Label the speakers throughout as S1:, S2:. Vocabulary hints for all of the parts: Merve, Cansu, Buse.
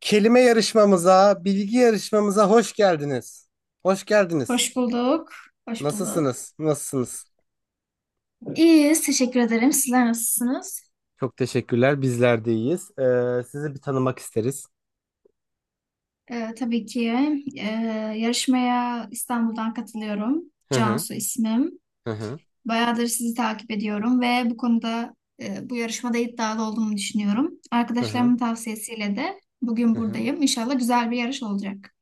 S1: Kelime yarışmamıza, bilgi yarışmamıza hoş geldiniz. Hoş geldiniz.
S2: Hoş bulduk. Hoş bulduk.
S1: Nasılsınız? Nasılsınız?
S2: İyiyiz. Teşekkür ederim. Sizler nasılsınız?
S1: Çok teşekkürler. Bizler de iyiyiz. Sizi bir tanımak isteriz.
S2: Tabii ki e, yarışmaya İstanbul'dan katılıyorum.
S1: Hı hı,
S2: Cansu ismim.
S1: hı hı,
S2: Bayağıdır sizi takip ediyorum ve bu konuda bu yarışmada iddialı olduğumu düşünüyorum.
S1: hı hı,
S2: Arkadaşlarımın tavsiyesiyle de bugün
S1: hı hı.
S2: buradayım. İnşallah güzel bir yarış olacak.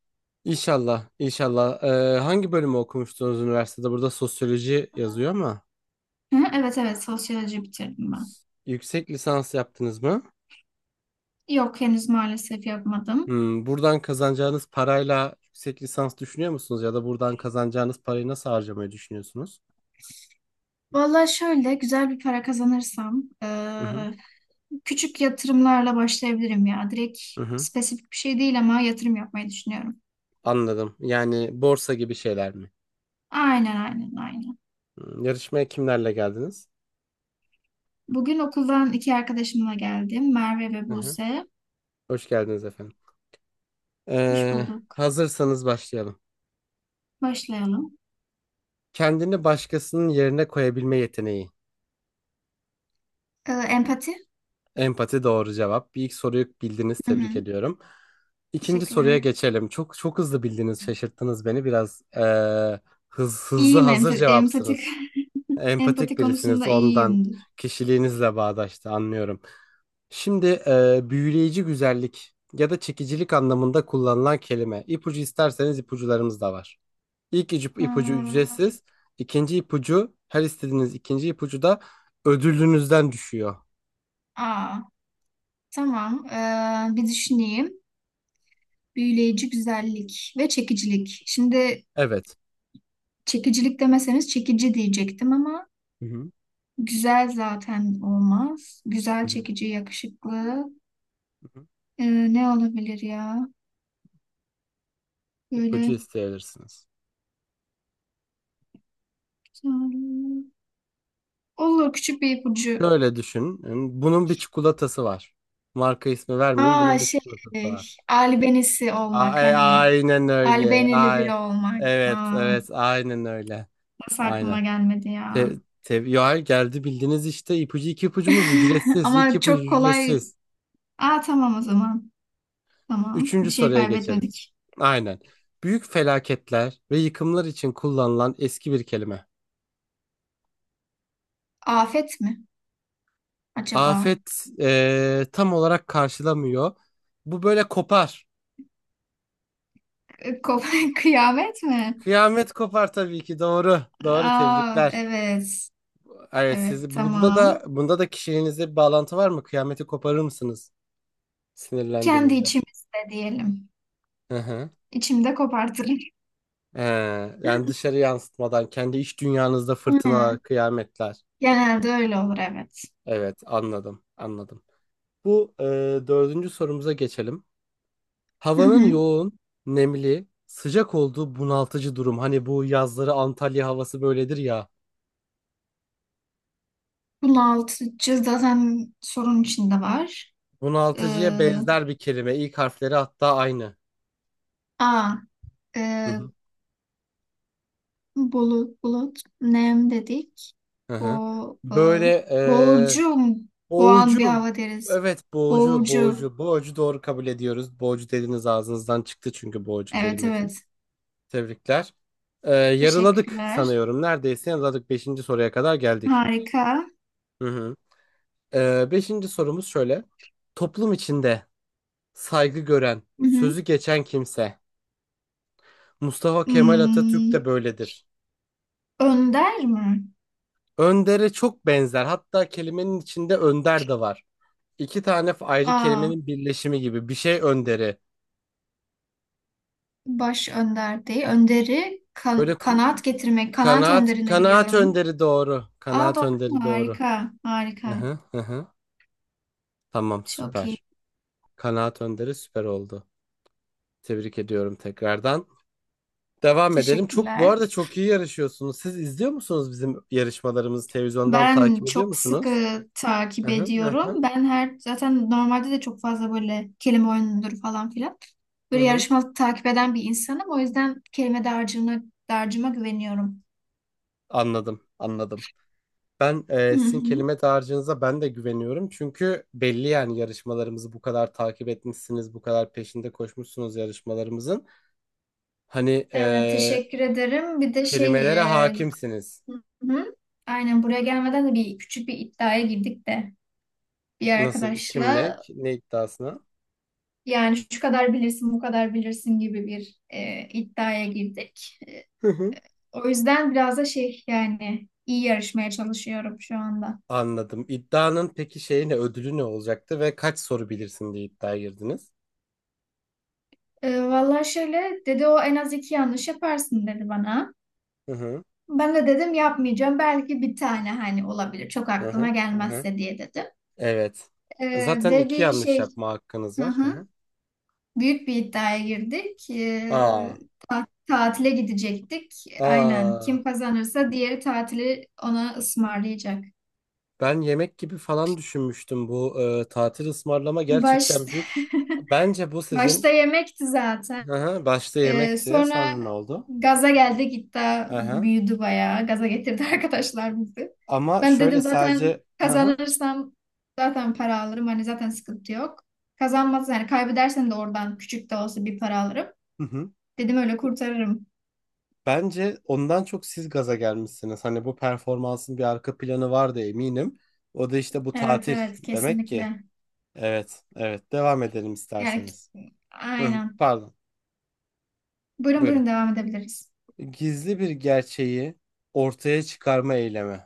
S1: İnşallah, inşallah. Hangi bölümü okumuştunuz üniversitede? Burada sosyoloji yazıyor ama
S2: Hı, evet evet, sosyoloji bitirdim ben.
S1: yüksek lisans yaptınız mı?
S2: Yok, henüz maalesef yapmadım.
S1: Buradan kazanacağınız parayla yüksek lisans düşünüyor musunuz? Ya da buradan kazanacağınız parayı nasıl harcamayı düşünüyorsunuz?
S2: Valla, şöyle güzel bir para kazanırsam
S1: Hı hı,
S2: küçük yatırımlarla başlayabilirim ya. Direkt
S1: hı hı.
S2: spesifik bir şey değil ama yatırım yapmayı düşünüyorum.
S1: Anladım. Yani borsa gibi şeyler mi?
S2: Aynen, aynen, aynen.
S1: Yarışmaya kimlerle geldiniz?
S2: Bugün okuldan iki arkadaşımla geldim. Merve ve
S1: Hı hı.
S2: Buse.
S1: Hoş geldiniz efendim.
S2: Hoş
S1: Ee,
S2: bulduk.
S1: hazırsanız başlayalım.
S2: Başlayalım.
S1: Kendini başkasının yerine koyabilme yeteneği.
S2: Empati.
S1: Empati doğru cevap. Bir ilk soruyu bildiniz.
S2: Hı
S1: Tebrik
S2: hı.
S1: ediyorum. İkinci soruya
S2: Teşekkürler.
S1: geçelim. Çok çok hızlı bildiniz. Şaşırttınız beni. Biraz hızlı
S2: İyiyim,
S1: hazır
S2: empatik.
S1: cevapsınız.
S2: Empati
S1: Empatik birisiniz.
S2: konusunda
S1: Ondan
S2: iyiyimdir.
S1: kişiliğinizle bağdaştı. Anlıyorum. Şimdi büyüleyici güzellik ya da çekicilik anlamında kullanılan kelime. İpucu isterseniz ipucularımız da var. İlk ipucu
S2: Hmm.
S1: ücretsiz. İkinci ipucu her istediğiniz ikinci ipucu da ödülünüzden düşüyor.
S2: Aa, tamam. Bir düşüneyim. Büyüleyici güzellik ve çekicilik. Şimdi
S1: Evet.
S2: çekicilik demeseniz çekici diyecektim ama
S1: Hı hı.
S2: güzel zaten olmaz. Güzel,
S1: Hı hı.
S2: çekici, yakışıklı.
S1: hı hı.
S2: Ne olabilir ya? Böyle
S1: ipucu isteyebilirsiniz.
S2: olur küçük bir ipucu.
S1: Şöyle düşünün. Bunun bir çikolatası var. Marka ismi vermeyeyim.
S2: Aa,
S1: Bunun bir
S2: şey,
S1: çikolatası var.
S2: albenisi olmak, hani
S1: Aynen öyle.
S2: albenili
S1: Ay,
S2: biri olmak.
S1: evet,
S2: Aa,
S1: evet, aynen öyle.
S2: nasıl
S1: Aynen.
S2: aklıma gelmedi
S1: Te
S2: ya?
S1: ya hayır, geldi bildiniz işte ipucu iki ipucumuz ücretsiz. İki
S2: Ama
S1: ipucu
S2: çok kolay.
S1: ücretsiz.
S2: Aa, tamam o zaman. Tamam.
S1: Üçüncü
S2: Bir şey
S1: soruya geçelim.
S2: kaybetmedik.
S1: Aynen. Büyük felaketler ve yıkımlar için kullanılan eski bir kelime.
S2: Afet mi acaba?
S1: Afet tam olarak karşılamıyor. Bu böyle kopar.
S2: Kıyamet mi?
S1: Kıyamet kopar tabii ki doğru. Doğru
S2: Aa
S1: tebrikler.
S2: evet.
S1: Evet,
S2: Evet,
S1: siz bunda da
S2: tamam.
S1: bunda da kişiliğinizde bir bağlantı var mı? Kıyameti koparır mısınız
S2: Kendi
S1: sinirlendiğinizde?
S2: içimizde diyelim.
S1: Hı hı.
S2: İçimde kopartırım.
S1: He, yani dışarı yansıtmadan kendi iç dünyanızda fırtınalar,
S2: Aynen.
S1: kıyametler.
S2: Genelde öyle olur, evet.
S1: Evet, anladım, anladım. Bu dördüncü sorumuza geçelim.
S2: Hı
S1: Havanın
S2: hı.
S1: yoğun, nemli, sıcak olduğu bunaltıcı durum. Hani bu yazları Antalya havası böyledir ya.
S2: Bunaltıcı zaten sorun içinde var.
S1: Bunaltıcıya
S2: Ee,
S1: benzer bir kelime. İlk harfleri hatta aynı.
S2: a
S1: Hı
S2: e,
S1: hı.
S2: bulut, bulut, nem dedik.
S1: Hı
S2: Bo,
S1: hı.
S2: e,
S1: Böyle
S2: boğucu mu? Boğan bir
S1: boğucu.
S2: hava deriz.
S1: Evet, boğucu,
S2: Boğucu.
S1: boğucu. Boğucu doğru kabul ediyoruz. Boğucu dediniz ağzınızdan çıktı çünkü boğucu
S2: Evet
S1: kelimesi.
S2: evet.
S1: Tebrikler. Yarıladık
S2: Teşekkürler.
S1: sanıyorum. Neredeyse yarıladık. Beşinci soruya kadar geldik.
S2: Harika.
S1: Hı hı. Beşinci sorumuz şöyle. Toplum içinde saygı gören,
S2: Hı hı.
S1: sözü geçen kimse. Mustafa Kemal Atatürk
S2: Hmm,
S1: de böyledir.
S2: önder mi?
S1: Önder'e çok benzer. Hatta kelimenin içinde önder de var. İki tane ayrı
S2: A,
S1: kelimenin birleşimi gibi. Bir şey önderi.
S2: baş önder değil. Önderi
S1: Böyle
S2: kanaat getirmek. Kanaat
S1: kanaat,
S2: önderini
S1: kanaat
S2: biliyorum.
S1: önderi doğru.
S2: Aa,
S1: Kanaat
S2: doğru mu?
S1: önderi doğru.
S2: Harika.
S1: Hı
S2: Harika.
S1: hı, hı hı. Tamam
S2: Çok iyi.
S1: süper. Kanaat önderi süper oldu. Tebrik ediyorum tekrardan. Devam edelim. Çok bu
S2: Teşekkürler.
S1: arada çok iyi yarışıyorsunuz. Siz izliyor musunuz bizim yarışmalarımızı, televizyondan
S2: Ben
S1: takip ediyor
S2: çok
S1: musunuz?
S2: sıkı takip
S1: Hı hı, hı hı,
S2: ediyorum. Ben her zaten normalde de çok fazla böyle kelime oyunudur falan filan.
S1: hı
S2: Böyle
S1: hı.
S2: yarışmalık takip eden bir insanım. O yüzden kelime dağarcığına, dağarcığıma güveniyorum.
S1: Anladım, anladım. Ben
S2: Hı
S1: sizin
S2: hı.
S1: kelime dağarcığınıza ben de güveniyorum. Çünkü belli yani yarışmalarımızı bu kadar takip etmişsiniz, bu kadar peşinde koşmuşsunuz yarışmalarımızın. Hani
S2: Evet, teşekkür ederim. Bir de şey,
S1: kelimelere
S2: e,
S1: hakimsiniz.
S2: hı hı. Aynen, buraya gelmeden de bir küçük bir iddiaya girdik de. Bir
S1: Nasıl, kim, ne,
S2: arkadaşla
S1: ne iddiasına?
S2: yani şu kadar bilirsin, bu kadar bilirsin gibi bir iddiaya girdik. O yüzden biraz da şey, yani iyi yarışmaya çalışıyorum şu anda.
S1: Anladım. İddianın peki şeyi ne, ödülü ne olacaktı ve kaç soru bilirsin diye iddiaya girdiniz?
S2: Vallahi şöyle dedi: o en az iki yanlış yaparsın dedi bana.
S1: Hı hı,
S2: Ben de dedim yapmayacağım. Belki bir tane hani olabilir. Çok
S1: hı
S2: aklıma
S1: hı, hı hı.
S2: gelmezse diye dedim.
S1: Evet.
S2: E,
S1: Zaten
S2: ve
S1: iki
S2: bir
S1: yanlış
S2: şey
S1: yapma hakkınız
S2: hı
S1: var. Hı
S2: hı.
S1: hı.
S2: Büyük bir iddiaya girdik.
S1: Aa,
S2: Tatile gidecektik. Aynen.
S1: aa.
S2: Kim kazanırsa diğeri tatili ona ısmarlayacak.
S1: Ben yemek gibi falan düşünmüştüm, bu tatil ısmarlama
S2: Baş,
S1: gerçekten büyük. Bence bu
S2: Başta
S1: sizin,
S2: yemekti zaten.
S1: hı hı, başta yemekti.
S2: Sonra
S1: Sonra ne oldu?
S2: gaza geldi gitti.
S1: Hı hı.
S2: Büyüdü bayağı. Gaza getirdi arkadaşlar bizi.
S1: Ama
S2: Ben
S1: şöyle
S2: dedim zaten
S1: sadece hı hı.
S2: kazanırsam zaten para alırım. Hani zaten sıkıntı yok. Kazanmaz, yani kaybedersen de oradan küçük de olsa bir para alırım.
S1: Hı hı.
S2: Dedim öyle kurtarırım.
S1: Bence ondan çok siz gaza gelmişsiniz. Hani bu performansın bir arka planı vardı eminim. O da işte bu
S2: Evet
S1: tatil
S2: evet,
S1: demek ki.
S2: kesinlikle.
S1: Evet, evet. Devam edelim
S2: Yani
S1: isterseniz. Hı,
S2: aynen.
S1: pardon.
S2: Buyurun,
S1: Buyurun.
S2: buyurun, devam edebiliriz.
S1: Gizli bir gerçeği ortaya çıkarma eylemi.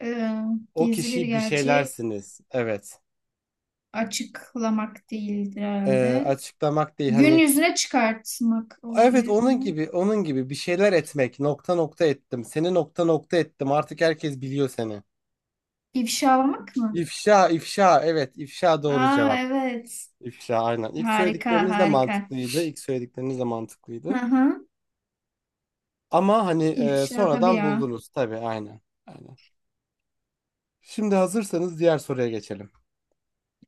S2: Ee,
S1: O
S2: Gizli bir
S1: kişi bir
S2: gerçeği
S1: şeylersiniz. Evet.
S2: açıklamak değildir herhalde.
S1: Açıklamak değil,
S2: Gün
S1: hani
S2: yüzüne çıkartmak
S1: evet
S2: olabilir
S1: onun
S2: mi?
S1: gibi, onun gibi bir şeyler etmek, nokta nokta ettim. Seni nokta nokta ettim. Artık herkes biliyor seni.
S2: İfşalamak mı?
S1: İfşa, ifşa. Evet, ifşa doğru
S2: Aa
S1: cevap.
S2: evet.
S1: İfşa aynen. İlk
S2: Harika,
S1: söyledikleriniz de
S2: harika.
S1: mantıklıydı. İlk söyledikleriniz de mantıklıydı.
S2: Hı hı.
S1: Ama hani
S2: İfşa, tabii
S1: sonradan
S2: ya.
S1: buldunuz tabii. Aynen. Aynen. Şimdi hazırsanız diğer soruya geçelim.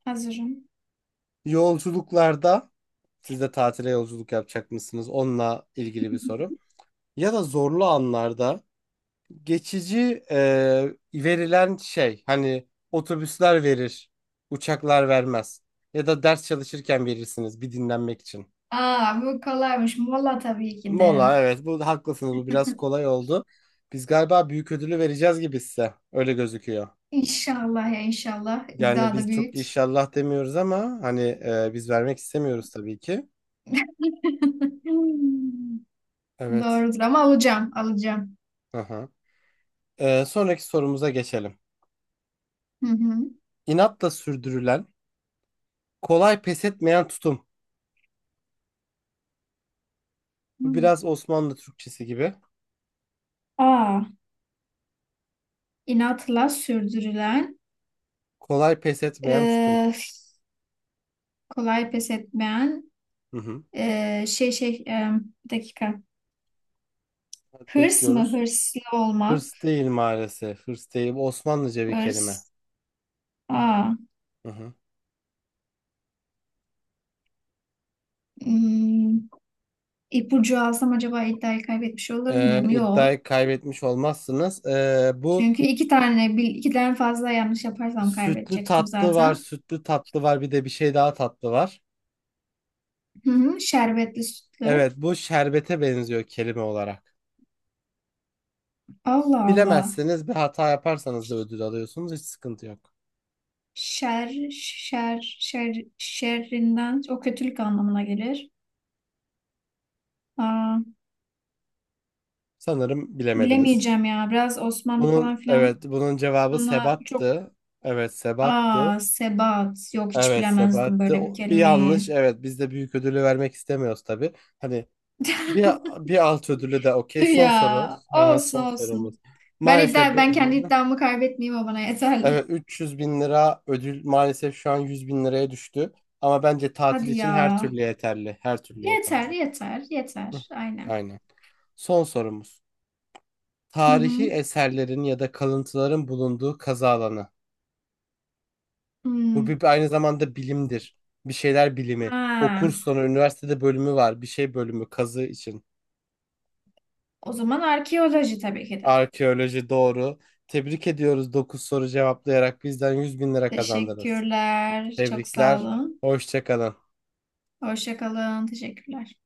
S2: Hazırım.
S1: Yolculuklarda, siz de tatile yolculuk yapacak mısınız? Onunla ilgili bir soru. Ya da zorlu anlarda geçici verilen şey, hani otobüsler verir, uçaklar vermez. Ya da ders çalışırken verirsiniz bir dinlenmek için.
S2: Aa, bu kolaymış. Mola tabii ki de.
S1: Valla evet, bu haklısınız, bu biraz kolay oldu. Biz galiba büyük ödülü vereceğiz gibi size öyle gözüküyor.
S2: İnşallah ya, inşallah.
S1: Yani
S2: İddia
S1: biz
S2: da
S1: çok
S2: büyük.
S1: inşallah demiyoruz ama hani biz vermek istemiyoruz tabii ki. Evet.
S2: Doğrudur, ama alacağım, alacağım.
S1: Aha. Sonraki sorumuza geçelim.
S2: Hı hı.
S1: İnatla sürdürülen, kolay pes etmeyen tutum. Bu
S2: Hmm.
S1: biraz Osmanlı Türkçesi gibi.
S2: A. İnatla sürdürülen,
S1: Kolay pes etmeyen tutum.
S2: e, kolay pes etmeyen,
S1: Hı hı.
S2: e, şey şey, e, bir dakika.
S1: Hadi
S2: Hırs mı?
S1: bekliyoruz.
S2: Hırslı olmak.
S1: Hırs değil maalesef. Hırs değil. Bu Osmanlıca bir kelime.
S2: Hırs. A.
S1: Hı hı.
S2: Hmm, ipucu alsam acaba iddiayı kaybetmiş olur muyum? Yok.
S1: İddiayı kaybetmiş olmazsınız. Bu
S2: Çünkü iki tane, ikiden fazla yanlış yaparsam
S1: sütlü
S2: kaybedecektim
S1: tatlı var,
S2: zaten.
S1: sütlü tatlı var, bir de bir şey daha tatlı var.
S2: Hı hı, şerbetli, sütlü.
S1: Evet, bu şerbete benziyor kelime olarak.
S2: Allah Allah.
S1: Bilemezseniz bir hata yaparsanız da ödül alıyorsunuz, hiç sıkıntı yok.
S2: Şer, şer, şer, şerrinden, o kötülük anlamına gelir. Aa.
S1: Sanırım bilemediniz.
S2: Bilemeyeceğim ya. Biraz Osmanlı falan
S1: Bunun evet,
S2: filan,
S1: bunun cevabı
S2: buna çok
S1: sebattı. Evet, sebattı.
S2: aa sebat yok, hiç
S1: Evet,
S2: bilemezdim
S1: sebattı.
S2: böyle bir
S1: Bir yanlış.
S2: kelimeyi.
S1: Evet, biz de büyük ödülü vermek istemiyoruz tabii. Hani bir bir alt ödülü de okey.
S2: Tüh.
S1: Son
S2: Ya
S1: soru. Aha,
S2: olsun,
S1: son sorumuz.
S2: olsun. Ben
S1: Maalesef
S2: iddia, ben kendi iddiamı kaybetmeyeyim, o bana
S1: Evet,
S2: yeterli.
S1: 300 bin lira ödül maalesef şu an 100 bin liraya düştü. Ama bence tatil
S2: Hadi ya.
S1: için her türlü yeterli. Her türlü yeterli.
S2: Yeter, yeter,
S1: Hı,
S2: yeter. Aynen.
S1: aynen. Son sorumuz.
S2: Hı
S1: Tarihi
S2: hı.
S1: eserlerin ya da kalıntıların bulunduğu kazı alanı. Bu
S2: Hmm.
S1: bir, aynı zamanda bilimdir. Bir şeyler bilimi. O
S2: Ha.
S1: kurs sonu üniversitede bölümü var. Bir şey bölümü kazı için.
S2: O zaman arkeoloji tabii ki de.
S1: Arkeoloji doğru. Tebrik ediyoruz, 9 soru cevaplayarak bizden 100 bin lira kazandınız.
S2: Teşekkürler. Çok sağ
S1: Tebrikler.
S2: olun.
S1: Hoşça kalın.
S2: Hoşça kalın. Teşekkürler.